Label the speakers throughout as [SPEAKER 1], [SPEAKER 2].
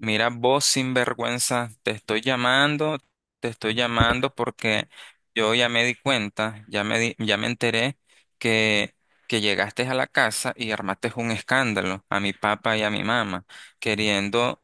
[SPEAKER 1] Mira, vos sinvergüenza, te estoy llamando porque yo ya me di cuenta, ya me enteré que, que llegaste a la casa y armaste un escándalo a mi papá y a mi mamá, queriendo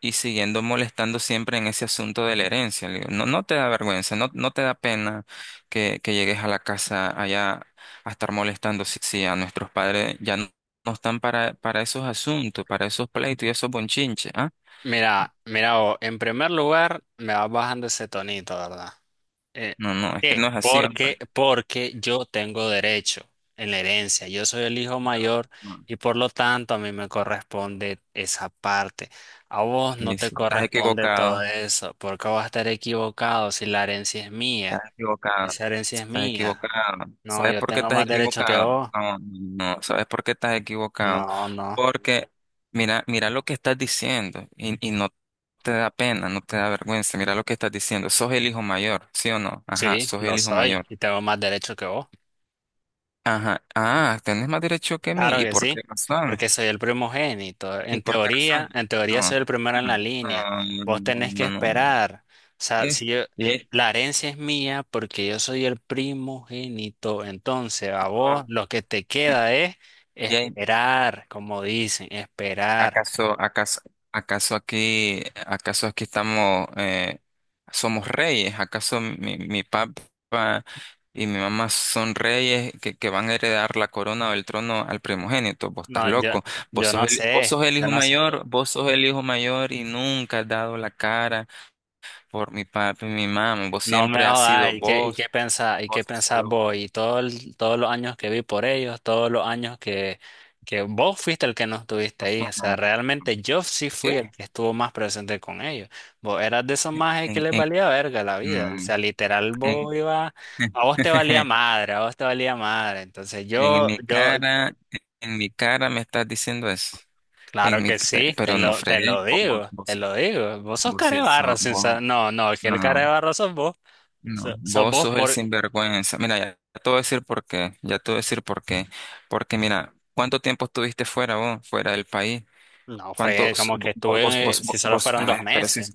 [SPEAKER 1] y siguiendo molestando siempre en ese asunto de la herencia. Le digo, no, no te da vergüenza, no, no te da pena que llegues a la casa allá a estar molestando si a nuestros padres no están para esos asuntos, para esos pleitos y esos bonchinches, ¿ah?
[SPEAKER 2] Mira, mira, vos, en primer lugar, me vas bajando ese tonito, ¿verdad?
[SPEAKER 1] No,
[SPEAKER 2] ¿Por
[SPEAKER 1] no, es que no
[SPEAKER 2] qué?
[SPEAKER 1] es así, hombre.
[SPEAKER 2] Porque yo tengo derecho en la herencia. Yo soy el hijo
[SPEAKER 1] No,
[SPEAKER 2] mayor
[SPEAKER 1] no,
[SPEAKER 2] y por lo tanto a mí me corresponde esa parte. A vos no
[SPEAKER 1] sí,
[SPEAKER 2] te
[SPEAKER 1] sí, estás
[SPEAKER 2] corresponde todo
[SPEAKER 1] equivocado,
[SPEAKER 2] eso, porque vas a estar equivocado si la herencia es mía.
[SPEAKER 1] estás equivocado,
[SPEAKER 2] Esa herencia es
[SPEAKER 1] estás
[SPEAKER 2] mía.
[SPEAKER 1] equivocado.
[SPEAKER 2] No,
[SPEAKER 1] ¿Sabes
[SPEAKER 2] yo
[SPEAKER 1] por qué
[SPEAKER 2] tengo
[SPEAKER 1] estás
[SPEAKER 2] más derecho que
[SPEAKER 1] equivocado?
[SPEAKER 2] vos.
[SPEAKER 1] No, no, no, ¿sabes por qué estás equivocado?
[SPEAKER 2] No, no.
[SPEAKER 1] Porque mira, mira lo que estás diciendo y no te da pena, no te da vergüenza. Mira lo que estás diciendo. Sos el hijo mayor, ¿sí o no? Ajá,
[SPEAKER 2] Sí,
[SPEAKER 1] sos
[SPEAKER 2] lo
[SPEAKER 1] el hijo
[SPEAKER 2] soy
[SPEAKER 1] mayor.
[SPEAKER 2] y tengo más derecho que vos.
[SPEAKER 1] Ajá, ah, tenés más derecho que mí.
[SPEAKER 2] Claro
[SPEAKER 1] ¿Y
[SPEAKER 2] que
[SPEAKER 1] por qué
[SPEAKER 2] sí,
[SPEAKER 1] razón?
[SPEAKER 2] porque soy el primogénito.
[SPEAKER 1] ¿Y
[SPEAKER 2] En
[SPEAKER 1] por qué
[SPEAKER 2] teoría,
[SPEAKER 1] razón?
[SPEAKER 2] en teoría
[SPEAKER 1] No,
[SPEAKER 2] soy el primero en la línea.
[SPEAKER 1] no,
[SPEAKER 2] Vos
[SPEAKER 1] no, no, no,
[SPEAKER 2] tenés que
[SPEAKER 1] no, no, no.
[SPEAKER 2] esperar. O sea, si
[SPEAKER 1] Es,
[SPEAKER 2] yo,
[SPEAKER 1] es-
[SPEAKER 2] La herencia es mía porque yo soy el primogénito. Entonces, a vos lo que te queda es
[SPEAKER 1] Y ahí,
[SPEAKER 2] esperar, como dicen, esperar.
[SPEAKER 1] ¿acaso, acaso, acaso aquí estamos, somos reyes? ¿Acaso mi papá y mi mamá son reyes que van a heredar la corona o el trono al primogénito? Vos estás
[SPEAKER 2] No,
[SPEAKER 1] loco.
[SPEAKER 2] yo no
[SPEAKER 1] Vos
[SPEAKER 2] sé,
[SPEAKER 1] sos el
[SPEAKER 2] yo
[SPEAKER 1] hijo
[SPEAKER 2] no sé.
[SPEAKER 1] mayor, vos sos el hijo mayor y nunca has dado la cara por mi papá y mi mamá. Vos
[SPEAKER 2] No me
[SPEAKER 1] siempre has
[SPEAKER 2] jodas,
[SPEAKER 1] sido
[SPEAKER 2] ¿y qué, y
[SPEAKER 1] vos,
[SPEAKER 2] qué pensás? ¿Y qué
[SPEAKER 1] vos y
[SPEAKER 2] pensás
[SPEAKER 1] solo vos.
[SPEAKER 2] vos? Y todos los años que vi por ellos, todos los años que vos fuiste el que no estuviste ahí. O sea, realmente yo sí fui
[SPEAKER 1] ¿Qué?
[SPEAKER 2] el que estuvo más presente con ellos. Vos eras de esos majes que
[SPEAKER 1] En,
[SPEAKER 2] les
[SPEAKER 1] en,
[SPEAKER 2] valía verga la vida. O
[SPEAKER 1] mm,
[SPEAKER 2] sea, literal, vos
[SPEAKER 1] en,
[SPEAKER 2] ibas, a vos te valía madre, a vos te valía madre.
[SPEAKER 1] En mi cara, en mi cara me estás diciendo eso.
[SPEAKER 2] Claro que sí,
[SPEAKER 1] Pero no
[SPEAKER 2] te
[SPEAKER 1] fregué.
[SPEAKER 2] lo
[SPEAKER 1] Vos, vos,
[SPEAKER 2] digo,
[SPEAKER 1] vos,
[SPEAKER 2] te lo digo. Vos sos
[SPEAKER 1] vos
[SPEAKER 2] carebarro, sin sa- no, no, que el
[SPEAKER 1] no,
[SPEAKER 2] carebarro sos vos.
[SPEAKER 1] no.
[SPEAKER 2] So- Sos
[SPEAKER 1] Vos
[SPEAKER 2] vos
[SPEAKER 1] sos el
[SPEAKER 2] por,
[SPEAKER 1] sinvergüenza. Mira, ya te voy a decir por qué. Ya te voy a decir por qué. Porque mira, ¿cuánto tiempo estuviste fuera vos, fuera del país?
[SPEAKER 2] No,
[SPEAKER 1] ¿Cuánto?
[SPEAKER 2] fregué, como que estuve, si solo fueron dos
[SPEAKER 1] Ah, pero sí,
[SPEAKER 2] meses.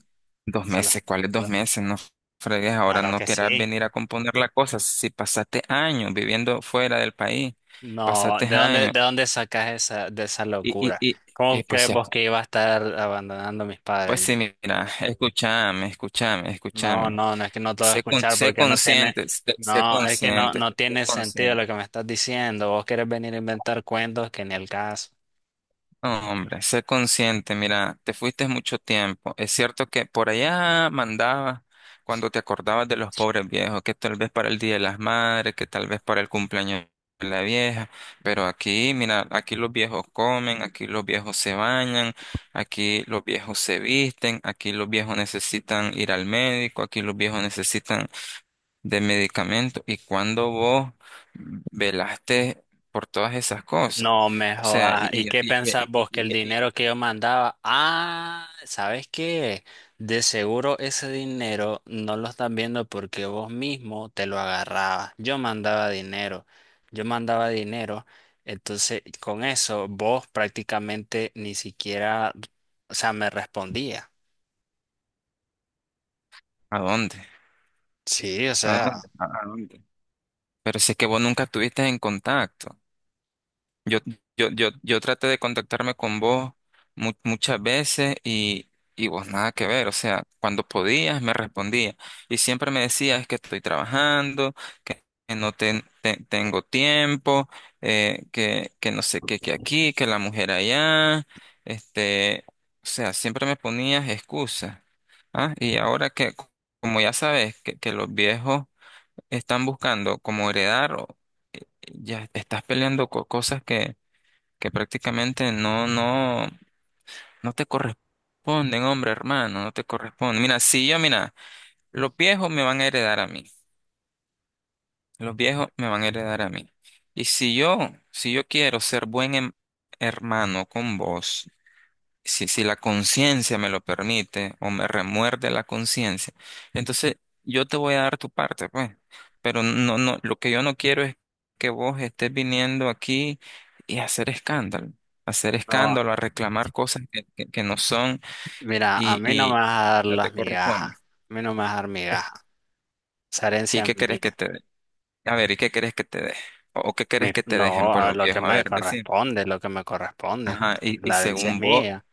[SPEAKER 1] dos
[SPEAKER 2] Solo,
[SPEAKER 1] meses. ¿Cuáles dos
[SPEAKER 2] solo-
[SPEAKER 1] meses? No fregues. Ahora
[SPEAKER 2] claro
[SPEAKER 1] no
[SPEAKER 2] que
[SPEAKER 1] querás
[SPEAKER 2] sí.
[SPEAKER 1] venir a componer la cosa. Si pasaste años viviendo fuera del país,
[SPEAKER 2] No,
[SPEAKER 1] pasaste años.
[SPEAKER 2] ¿de dónde sacas de esa
[SPEAKER 1] Y, y,
[SPEAKER 2] locura?
[SPEAKER 1] y,
[SPEAKER 2] ¿Cómo
[SPEAKER 1] y
[SPEAKER 2] crees vos que iba a estar abandonando a mis
[SPEAKER 1] pues
[SPEAKER 2] padres?
[SPEAKER 1] sí, mira, escúchame, escúchame,
[SPEAKER 2] No,
[SPEAKER 1] escúchame.
[SPEAKER 2] no, no es que no te voy a escuchar
[SPEAKER 1] Sé
[SPEAKER 2] porque no tiene,
[SPEAKER 1] consciente, sé
[SPEAKER 2] no, es que
[SPEAKER 1] consciente,
[SPEAKER 2] no
[SPEAKER 1] sé
[SPEAKER 2] tiene sentido
[SPEAKER 1] consciente.
[SPEAKER 2] lo que me estás diciendo. Vos querés venir a inventar cuentos que ni el caso.
[SPEAKER 1] No, hombre, sé consciente, mira, te fuiste mucho tiempo. Es cierto que por allá mandabas cuando te acordabas de los pobres viejos, que tal vez para el Día de las Madres, que tal vez para el cumpleaños de la vieja, pero aquí, mira, aquí los viejos comen, aquí los viejos se bañan, aquí los viejos se visten, aquí los viejos necesitan ir al médico, aquí los viejos necesitan de medicamentos y cuando vos velaste por todas esas cosas.
[SPEAKER 2] No me
[SPEAKER 1] O sea,
[SPEAKER 2] jodas. ¿Y qué pensás vos que el
[SPEAKER 1] y- y-
[SPEAKER 2] dinero que yo mandaba? Ah, ¿sabes qué? De seguro ese dinero no lo estás viendo porque vos mismo te lo agarrabas. Yo mandaba dinero, yo mandaba dinero. Entonces, con eso vos prácticamente ni siquiera, o sea, me respondía.
[SPEAKER 1] ¿a dónde?
[SPEAKER 2] Sí, o
[SPEAKER 1] ¿A
[SPEAKER 2] sea,
[SPEAKER 1] dónde? ¿ a dónde? Pero si es que vos nunca estuviste en contacto. Yo, yo traté de contactarme con vos muchas veces y vos nada que ver, o sea, cuando podías me respondías y siempre me decías "Es que estoy trabajando, que no ten- te- tengo tiempo, que no sé qué, que aquí, que la mujer allá, este, o sea, siempre me ponías excusas. ¿Ah? Y ahora como ya sabes, que los viejos están buscando como heredar, ya estás peleando con cosas que prácticamente no te corresponden, hombre, hermano, no te corresponden. Mira, si yo, mira, los viejos me van a heredar a mí, los viejos me van a heredar a mí. Y si yo, si yo quiero ser hermano con vos, si la conciencia me lo permite o me remuerde la conciencia, entonces yo te voy a dar tu parte, pues. Pero no, no, lo que yo no quiero es que vos estés viniendo aquí y hacer
[SPEAKER 2] no,
[SPEAKER 1] escándalo, a reclamar cosas que no son
[SPEAKER 2] mira, a mí no me
[SPEAKER 1] y
[SPEAKER 2] vas a dar
[SPEAKER 1] no te
[SPEAKER 2] las
[SPEAKER 1] corresponden.
[SPEAKER 2] migajas. A mí no me vas a dar migajas. Esa
[SPEAKER 1] ¿Y
[SPEAKER 2] herencia es
[SPEAKER 1] qué querés que
[SPEAKER 2] mía.
[SPEAKER 1] te dé? A ver, ¿y qué querés que te dé? O qué querés que te
[SPEAKER 2] No,
[SPEAKER 1] dejen, pues,
[SPEAKER 2] a
[SPEAKER 1] los
[SPEAKER 2] lo que
[SPEAKER 1] viejos? A
[SPEAKER 2] me
[SPEAKER 1] ver, decir.
[SPEAKER 2] corresponde, lo que me corresponde.
[SPEAKER 1] Ajá, y
[SPEAKER 2] La herencia es
[SPEAKER 1] según vos.
[SPEAKER 2] mía,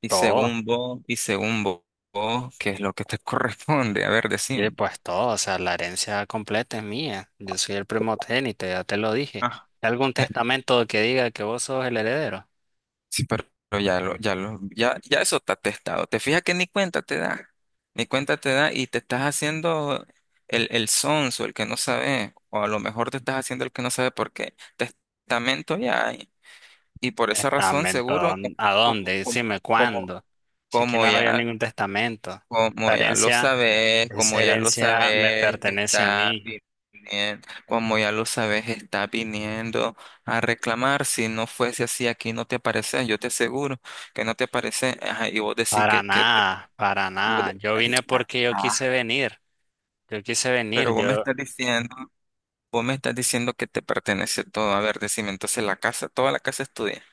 [SPEAKER 1] Y
[SPEAKER 2] todo.
[SPEAKER 1] según vos, vos, ¿qué es lo que te corresponde? A ver,
[SPEAKER 2] Y
[SPEAKER 1] decime.
[SPEAKER 2] pues todo, o sea, la herencia completa es mía. Yo soy el primogénito, ya te lo dije.
[SPEAKER 1] Ah.
[SPEAKER 2] ¿Hay algún testamento que diga que vos sos el heredero?
[SPEAKER 1] Sí, pero, ya eso está testado. Te fijas que ni cuenta te da. Ni cuenta te da y te estás haciendo el sonso, el que no sabe. O a lo mejor te estás haciendo el que no sabe porque testamento ya hay. Y por esa razón,
[SPEAKER 2] Testamento,
[SPEAKER 1] seguro,
[SPEAKER 2] ¿a
[SPEAKER 1] co-
[SPEAKER 2] dónde?
[SPEAKER 1] co-
[SPEAKER 2] Decime
[SPEAKER 1] como,
[SPEAKER 2] cuándo. Si aquí
[SPEAKER 1] como
[SPEAKER 2] no había
[SPEAKER 1] ya
[SPEAKER 2] ningún testamento. La
[SPEAKER 1] Como ya lo
[SPEAKER 2] herencia,
[SPEAKER 1] sabes,
[SPEAKER 2] Esa
[SPEAKER 1] como ya lo
[SPEAKER 2] herencia me
[SPEAKER 1] sabes,
[SPEAKER 2] pertenece a
[SPEAKER 1] está
[SPEAKER 2] mí.
[SPEAKER 1] viniendo, como ya lo sabes, está viniendo a reclamar. Si no fuese así, aquí no te aparece, yo te aseguro que no te aparece. Ajá, y vos decís
[SPEAKER 2] Para
[SPEAKER 1] que
[SPEAKER 2] nada, para
[SPEAKER 1] vos
[SPEAKER 2] nada.
[SPEAKER 1] de-
[SPEAKER 2] Yo vine porque yo
[SPEAKER 1] Ah,
[SPEAKER 2] quise venir. Yo quise
[SPEAKER 1] pero
[SPEAKER 2] venir.
[SPEAKER 1] vos me
[SPEAKER 2] Yo
[SPEAKER 1] estás diciendo, vos me estás diciendo que te pertenece todo. A ver, decime, entonces la casa, toda la casa es tuya.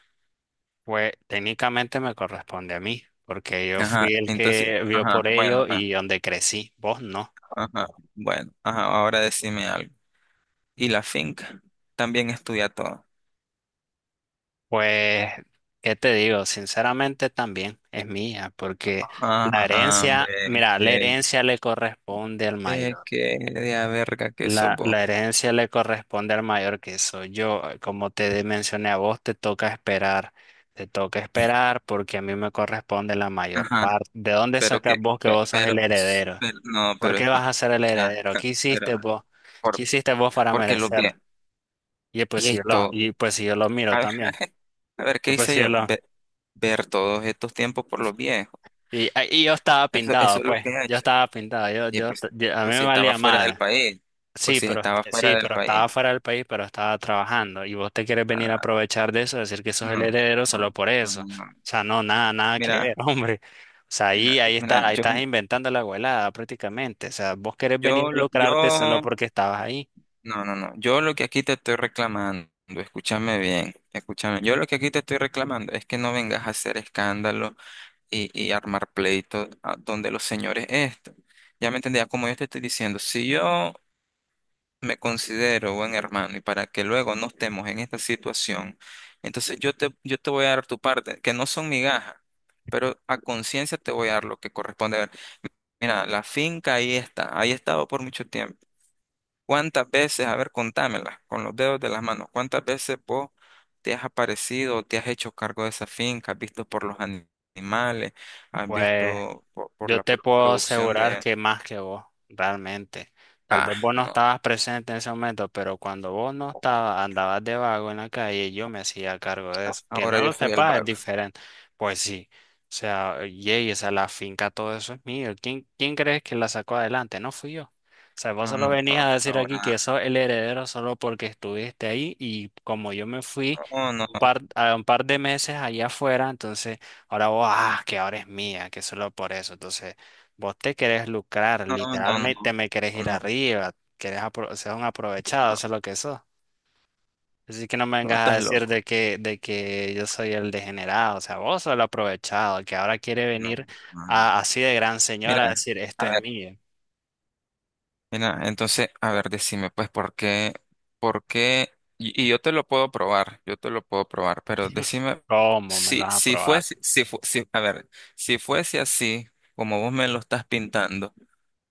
[SPEAKER 2] pues técnicamente me corresponde a mí, porque yo
[SPEAKER 1] Ajá,
[SPEAKER 2] fui el
[SPEAKER 1] entonces,
[SPEAKER 2] que vio
[SPEAKER 1] ajá,
[SPEAKER 2] por
[SPEAKER 1] bueno,
[SPEAKER 2] ello
[SPEAKER 1] pues,
[SPEAKER 2] y donde crecí, vos no.
[SPEAKER 1] ajá, bueno, ajá, ahora decime algo. ¿Y la finca? También es tuya toda.
[SPEAKER 2] Pues, ¿qué te digo? Sinceramente también es mía, porque
[SPEAKER 1] Ajá,
[SPEAKER 2] mira, la
[SPEAKER 1] ve,
[SPEAKER 2] herencia le corresponde al
[SPEAKER 1] ve
[SPEAKER 2] mayor.
[SPEAKER 1] que de a verga que sos
[SPEAKER 2] La,
[SPEAKER 1] vos.
[SPEAKER 2] la herencia le corresponde al mayor que soy yo. Como te mencioné a vos, te toca esperar. Te toca esperar porque a mí me corresponde la mayor
[SPEAKER 1] Ajá,
[SPEAKER 2] parte. ¿De dónde
[SPEAKER 1] pero
[SPEAKER 2] sacas
[SPEAKER 1] que,
[SPEAKER 2] vos que
[SPEAKER 1] pe-
[SPEAKER 2] vos sos el
[SPEAKER 1] pero, s-
[SPEAKER 2] heredero?
[SPEAKER 1] pero- no,
[SPEAKER 2] ¿Por
[SPEAKER 1] pero
[SPEAKER 2] qué vas
[SPEAKER 1] escucha,
[SPEAKER 2] a ser el heredero? ¿Qué
[SPEAKER 1] pero,
[SPEAKER 2] hiciste vos? ¿Qué
[SPEAKER 1] por,
[SPEAKER 2] hiciste vos para
[SPEAKER 1] porque lo
[SPEAKER 2] merecer?
[SPEAKER 1] que, y esto,
[SPEAKER 2] Y pues si yo lo miro
[SPEAKER 1] a ver,
[SPEAKER 2] también.
[SPEAKER 1] a ver,
[SPEAKER 2] Y
[SPEAKER 1] ¿qué
[SPEAKER 2] pues
[SPEAKER 1] hice
[SPEAKER 2] si yo
[SPEAKER 1] yo?
[SPEAKER 2] lo,
[SPEAKER 1] Ver todos estos tiempos por los viejos,
[SPEAKER 2] Y, ah, y yo estaba
[SPEAKER 1] eso
[SPEAKER 2] pintado,
[SPEAKER 1] es lo
[SPEAKER 2] pues.
[SPEAKER 1] que he
[SPEAKER 2] Yo
[SPEAKER 1] hecho.
[SPEAKER 2] estaba pintado.
[SPEAKER 1] Y pues,
[SPEAKER 2] A mí
[SPEAKER 1] pues
[SPEAKER 2] me
[SPEAKER 1] si estaba
[SPEAKER 2] valía
[SPEAKER 1] fuera del
[SPEAKER 2] madre.
[SPEAKER 1] país, pues
[SPEAKER 2] Sí,
[SPEAKER 1] si estaba fuera
[SPEAKER 2] sí,
[SPEAKER 1] del
[SPEAKER 2] pero
[SPEAKER 1] país,
[SPEAKER 2] estaba fuera del país, pero estaba trabajando. Y vos te quieres venir a
[SPEAKER 1] ah,
[SPEAKER 2] aprovechar de eso, decir que sos el
[SPEAKER 1] no,
[SPEAKER 2] heredero
[SPEAKER 1] no,
[SPEAKER 2] solo por
[SPEAKER 1] no,
[SPEAKER 2] eso. O
[SPEAKER 1] no, no.
[SPEAKER 2] sea, no, nada, nada que ver,
[SPEAKER 1] Mira,
[SPEAKER 2] hombre. O sea,
[SPEAKER 1] mira,
[SPEAKER 2] ahí
[SPEAKER 1] mira,
[SPEAKER 2] está, ahí
[SPEAKER 1] yo,
[SPEAKER 2] estás inventando la abuelada prácticamente. O sea, vos querés venir
[SPEAKER 1] yo,
[SPEAKER 2] a
[SPEAKER 1] lo-
[SPEAKER 2] lucrarte solo
[SPEAKER 1] yo
[SPEAKER 2] porque estabas ahí.
[SPEAKER 1] No, no, no. Yo lo que aquí te estoy reclamando, escúchame bien, escúchame. Yo lo que aquí te estoy reclamando es que no vengas a hacer escándalo y armar pleitos a donde los señores esto. Ya me entendía, como yo te estoy diciendo, si yo me considero buen hermano y para que luego no estemos en esta situación, entonces yo te voy a dar tu parte, que no son migajas, pero a conciencia te voy a dar lo que corresponde. A ver, mira, la finca ahí está, ahí ha estado por mucho tiempo. ¿Cuántas veces, a ver, contámela con los dedos de las manos, cuántas veces vos te has aparecido, o te has hecho cargo de esa finca, has visto por los animales, has
[SPEAKER 2] Pues.
[SPEAKER 1] visto por,
[SPEAKER 2] Yo te puedo
[SPEAKER 1] producción
[SPEAKER 2] asegurar
[SPEAKER 1] de...
[SPEAKER 2] que más que vos, realmente. Tal
[SPEAKER 1] Ah,
[SPEAKER 2] vez vos no
[SPEAKER 1] no,
[SPEAKER 2] estabas presente en ese momento, pero cuando vos no estabas, andabas de vago en la calle, yo me hacía cargo de eso. Que no
[SPEAKER 1] ahora yo
[SPEAKER 2] lo
[SPEAKER 1] soy el
[SPEAKER 2] sepas es
[SPEAKER 1] vago.
[SPEAKER 2] diferente. Pues sí. O sea, yey, esa la finca, todo eso es mío. ¿Quién crees que la sacó adelante? No fui yo. O sea, vos
[SPEAKER 1] No,
[SPEAKER 2] solo
[SPEAKER 1] no,
[SPEAKER 2] venís
[SPEAKER 1] no,
[SPEAKER 2] a decir aquí
[SPEAKER 1] ahora,
[SPEAKER 2] que sos el heredero solo porque estuviste ahí y como yo me fui
[SPEAKER 1] no, no, no,
[SPEAKER 2] a un par de meses allá afuera, entonces. Ahora vos, ah, que ahora es mía, que solo por eso. Entonces, vos te querés lucrar,
[SPEAKER 1] no, no, no,
[SPEAKER 2] literalmente me querés ir
[SPEAKER 1] no,
[SPEAKER 2] arriba, ser un aprovechado, eso es lo que sos. Así que no me
[SPEAKER 1] no,
[SPEAKER 2] vengas a
[SPEAKER 1] estás
[SPEAKER 2] decir
[SPEAKER 1] loco.
[SPEAKER 2] de que yo soy el degenerado, o sea, vos sos el aprovechado, que ahora quiere
[SPEAKER 1] No,
[SPEAKER 2] venir
[SPEAKER 1] no.
[SPEAKER 2] a- así de gran señora a
[SPEAKER 1] Mira,
[SPEAKER 2] decir, esto
[SPEAKER 1] a
[SPEAKER 2] es
[SPEAKER 1] ver.
[SPEAKER 2] mío.
[SPEAKER 1] Mira, entonces, a ver, decime, pues, ¿por qué? ¿Por qué? Y yo te lo puedo probar, yo te lo puedo probar, pero decime,
[SPEAKER 2] ¿Cómo me lo
[SPEAKER 1] si,
[SPEAKER 2] vas a
[SPEAKER 1] si
[SPEAKER 2] probar?
[SPEAKER 1] fuese, si, fu- si- a ver, si fuese así, como vos me lo estás pintando,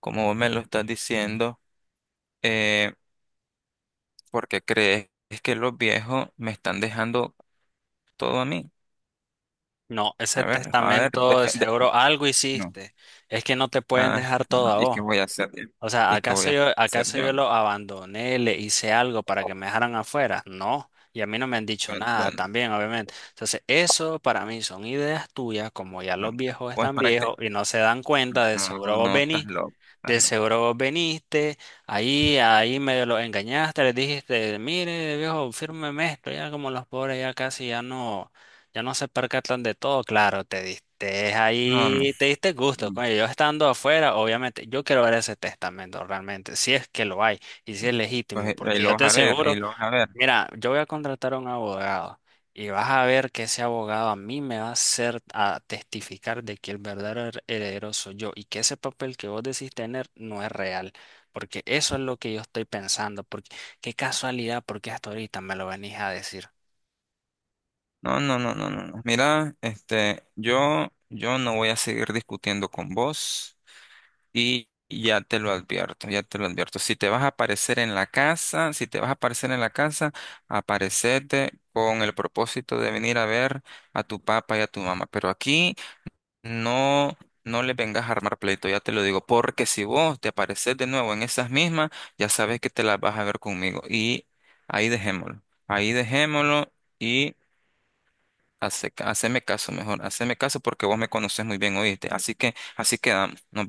[SPEAKER 1] como vos me lo estás diciendo, eh, ¿por qué crees que los viejos me están dejando todo a mí?
[SPEAKER 2] No, ese
[SPEAKER 1] A ver,
[SPEAKER 2] testamento de seguro algo
[SPEAKER 1] no,
[SPEAKER 2] hiciste. Es que no te pueden
[SPEAKER 1] ah,
[SPEAKER 2] dejar todo
[SPEAKER 1] no,
[SPEAKER 2] a
[SPEAKER 1] ¿y qué
[SPEAKER 2] vos.
[SPEAKER 1] voy a hacer yo?
[SPEAKER 2] O sea,
[SPEAKER 1] ¿Y qué voy a hacer
[SPEAKER 2] ¿acaso
[SPEAKER 1] yo?
[SPEAKER 2] yo lo abandoné, le hice algo para que me dejaran afuera? No, y a mí no me han dicho
[SPEAKER 1] Pues,
[SPEAKER 2] nada
[SPEAKER 1] bueno,
[SPEAKER 2] también, obviamente. Entonces, eso para mí son ideas tuyas, como ya
[SPEAKER 1] no,
[SPEAKER 2] los viejos
[SPEAKER 1] pues
[SPEAKER 2] están
[SPEAKER 1] para que,
[SPEAKER 2] viejos
[SPEAKER 1] te...
[SPEAKER 2] y no se dan cuenta, de
[SPEAKER 1] no,
[SPEAKER 2] seguro vos
[SPEAKER 1] no, estás
[SPEAKER 2] venís,
[SPEAKER 1] loco. Estás
[SPEAKER 2] de
[SPEAKER 1] loco.
[SPEAKER 2] seguro vos viniste, ahí medio los engañaste, les dijiste, mire, viejo, fírmeme esto, ya como los pobres ya casi ya no. Ya no se percatan de todo, claro, te diste
[SPEAKER 1] No, no,
[SPEAKER 2] ahí, te diste gusto.
[SPEAKER 1] no.
[SPEAKER 2] Coño, yo estando afuera, obviamente, yo quiero ver ese testamento realmente, si es que lo hay y si es
[SPEAKER 1] Pues
[SPEAKER 2] legítimo,
[SPEAKER 1] ahí
[SPEAKER 2] porque
[SPEAKER 1] lo
[SPEAKER 2] yo
[SPEAKER 1] vas
[SPEAKER 2] te
[SPEAKER 1] a ver, ahí
[SPEAKER 2] aseguro,
[SPEAKER 1] lo vas a ver.
[SPEAKER 2] mira, yo voy a contratar a un abogado y vas a ver que ese abogado a mí me va a hacer a testificar de que el heredero soy yo y que ese papel que vos decís tener no es real, porque eso es lo que yo estoy pensando, porque qué casualidad, porque hasta ahorita me lo venís a decir.
[SPEAKER 1] No, no, no, no, no, no. Mira, este, yo no voy a seguir discutiendo con vos y ya te lo advierto, ya te lo advierto. Si te vas a aparecer en la casa, si te vas a aparecer en la casa, aparecete con el propósito de venir a ver a tu papá y a tu mamá. Pero aquí No, no le vengas a armar pleito, ya te lo digo, porque si vos te apareces de nuevo en esas mismas, ya sabes que te las vas a ver conmigo. Y ahí dejémoslo, ahí dejémoslo y haceme caso mejor, haceme caso porque vos me conoces muy bien, oíste. Así que así quedamos. Nos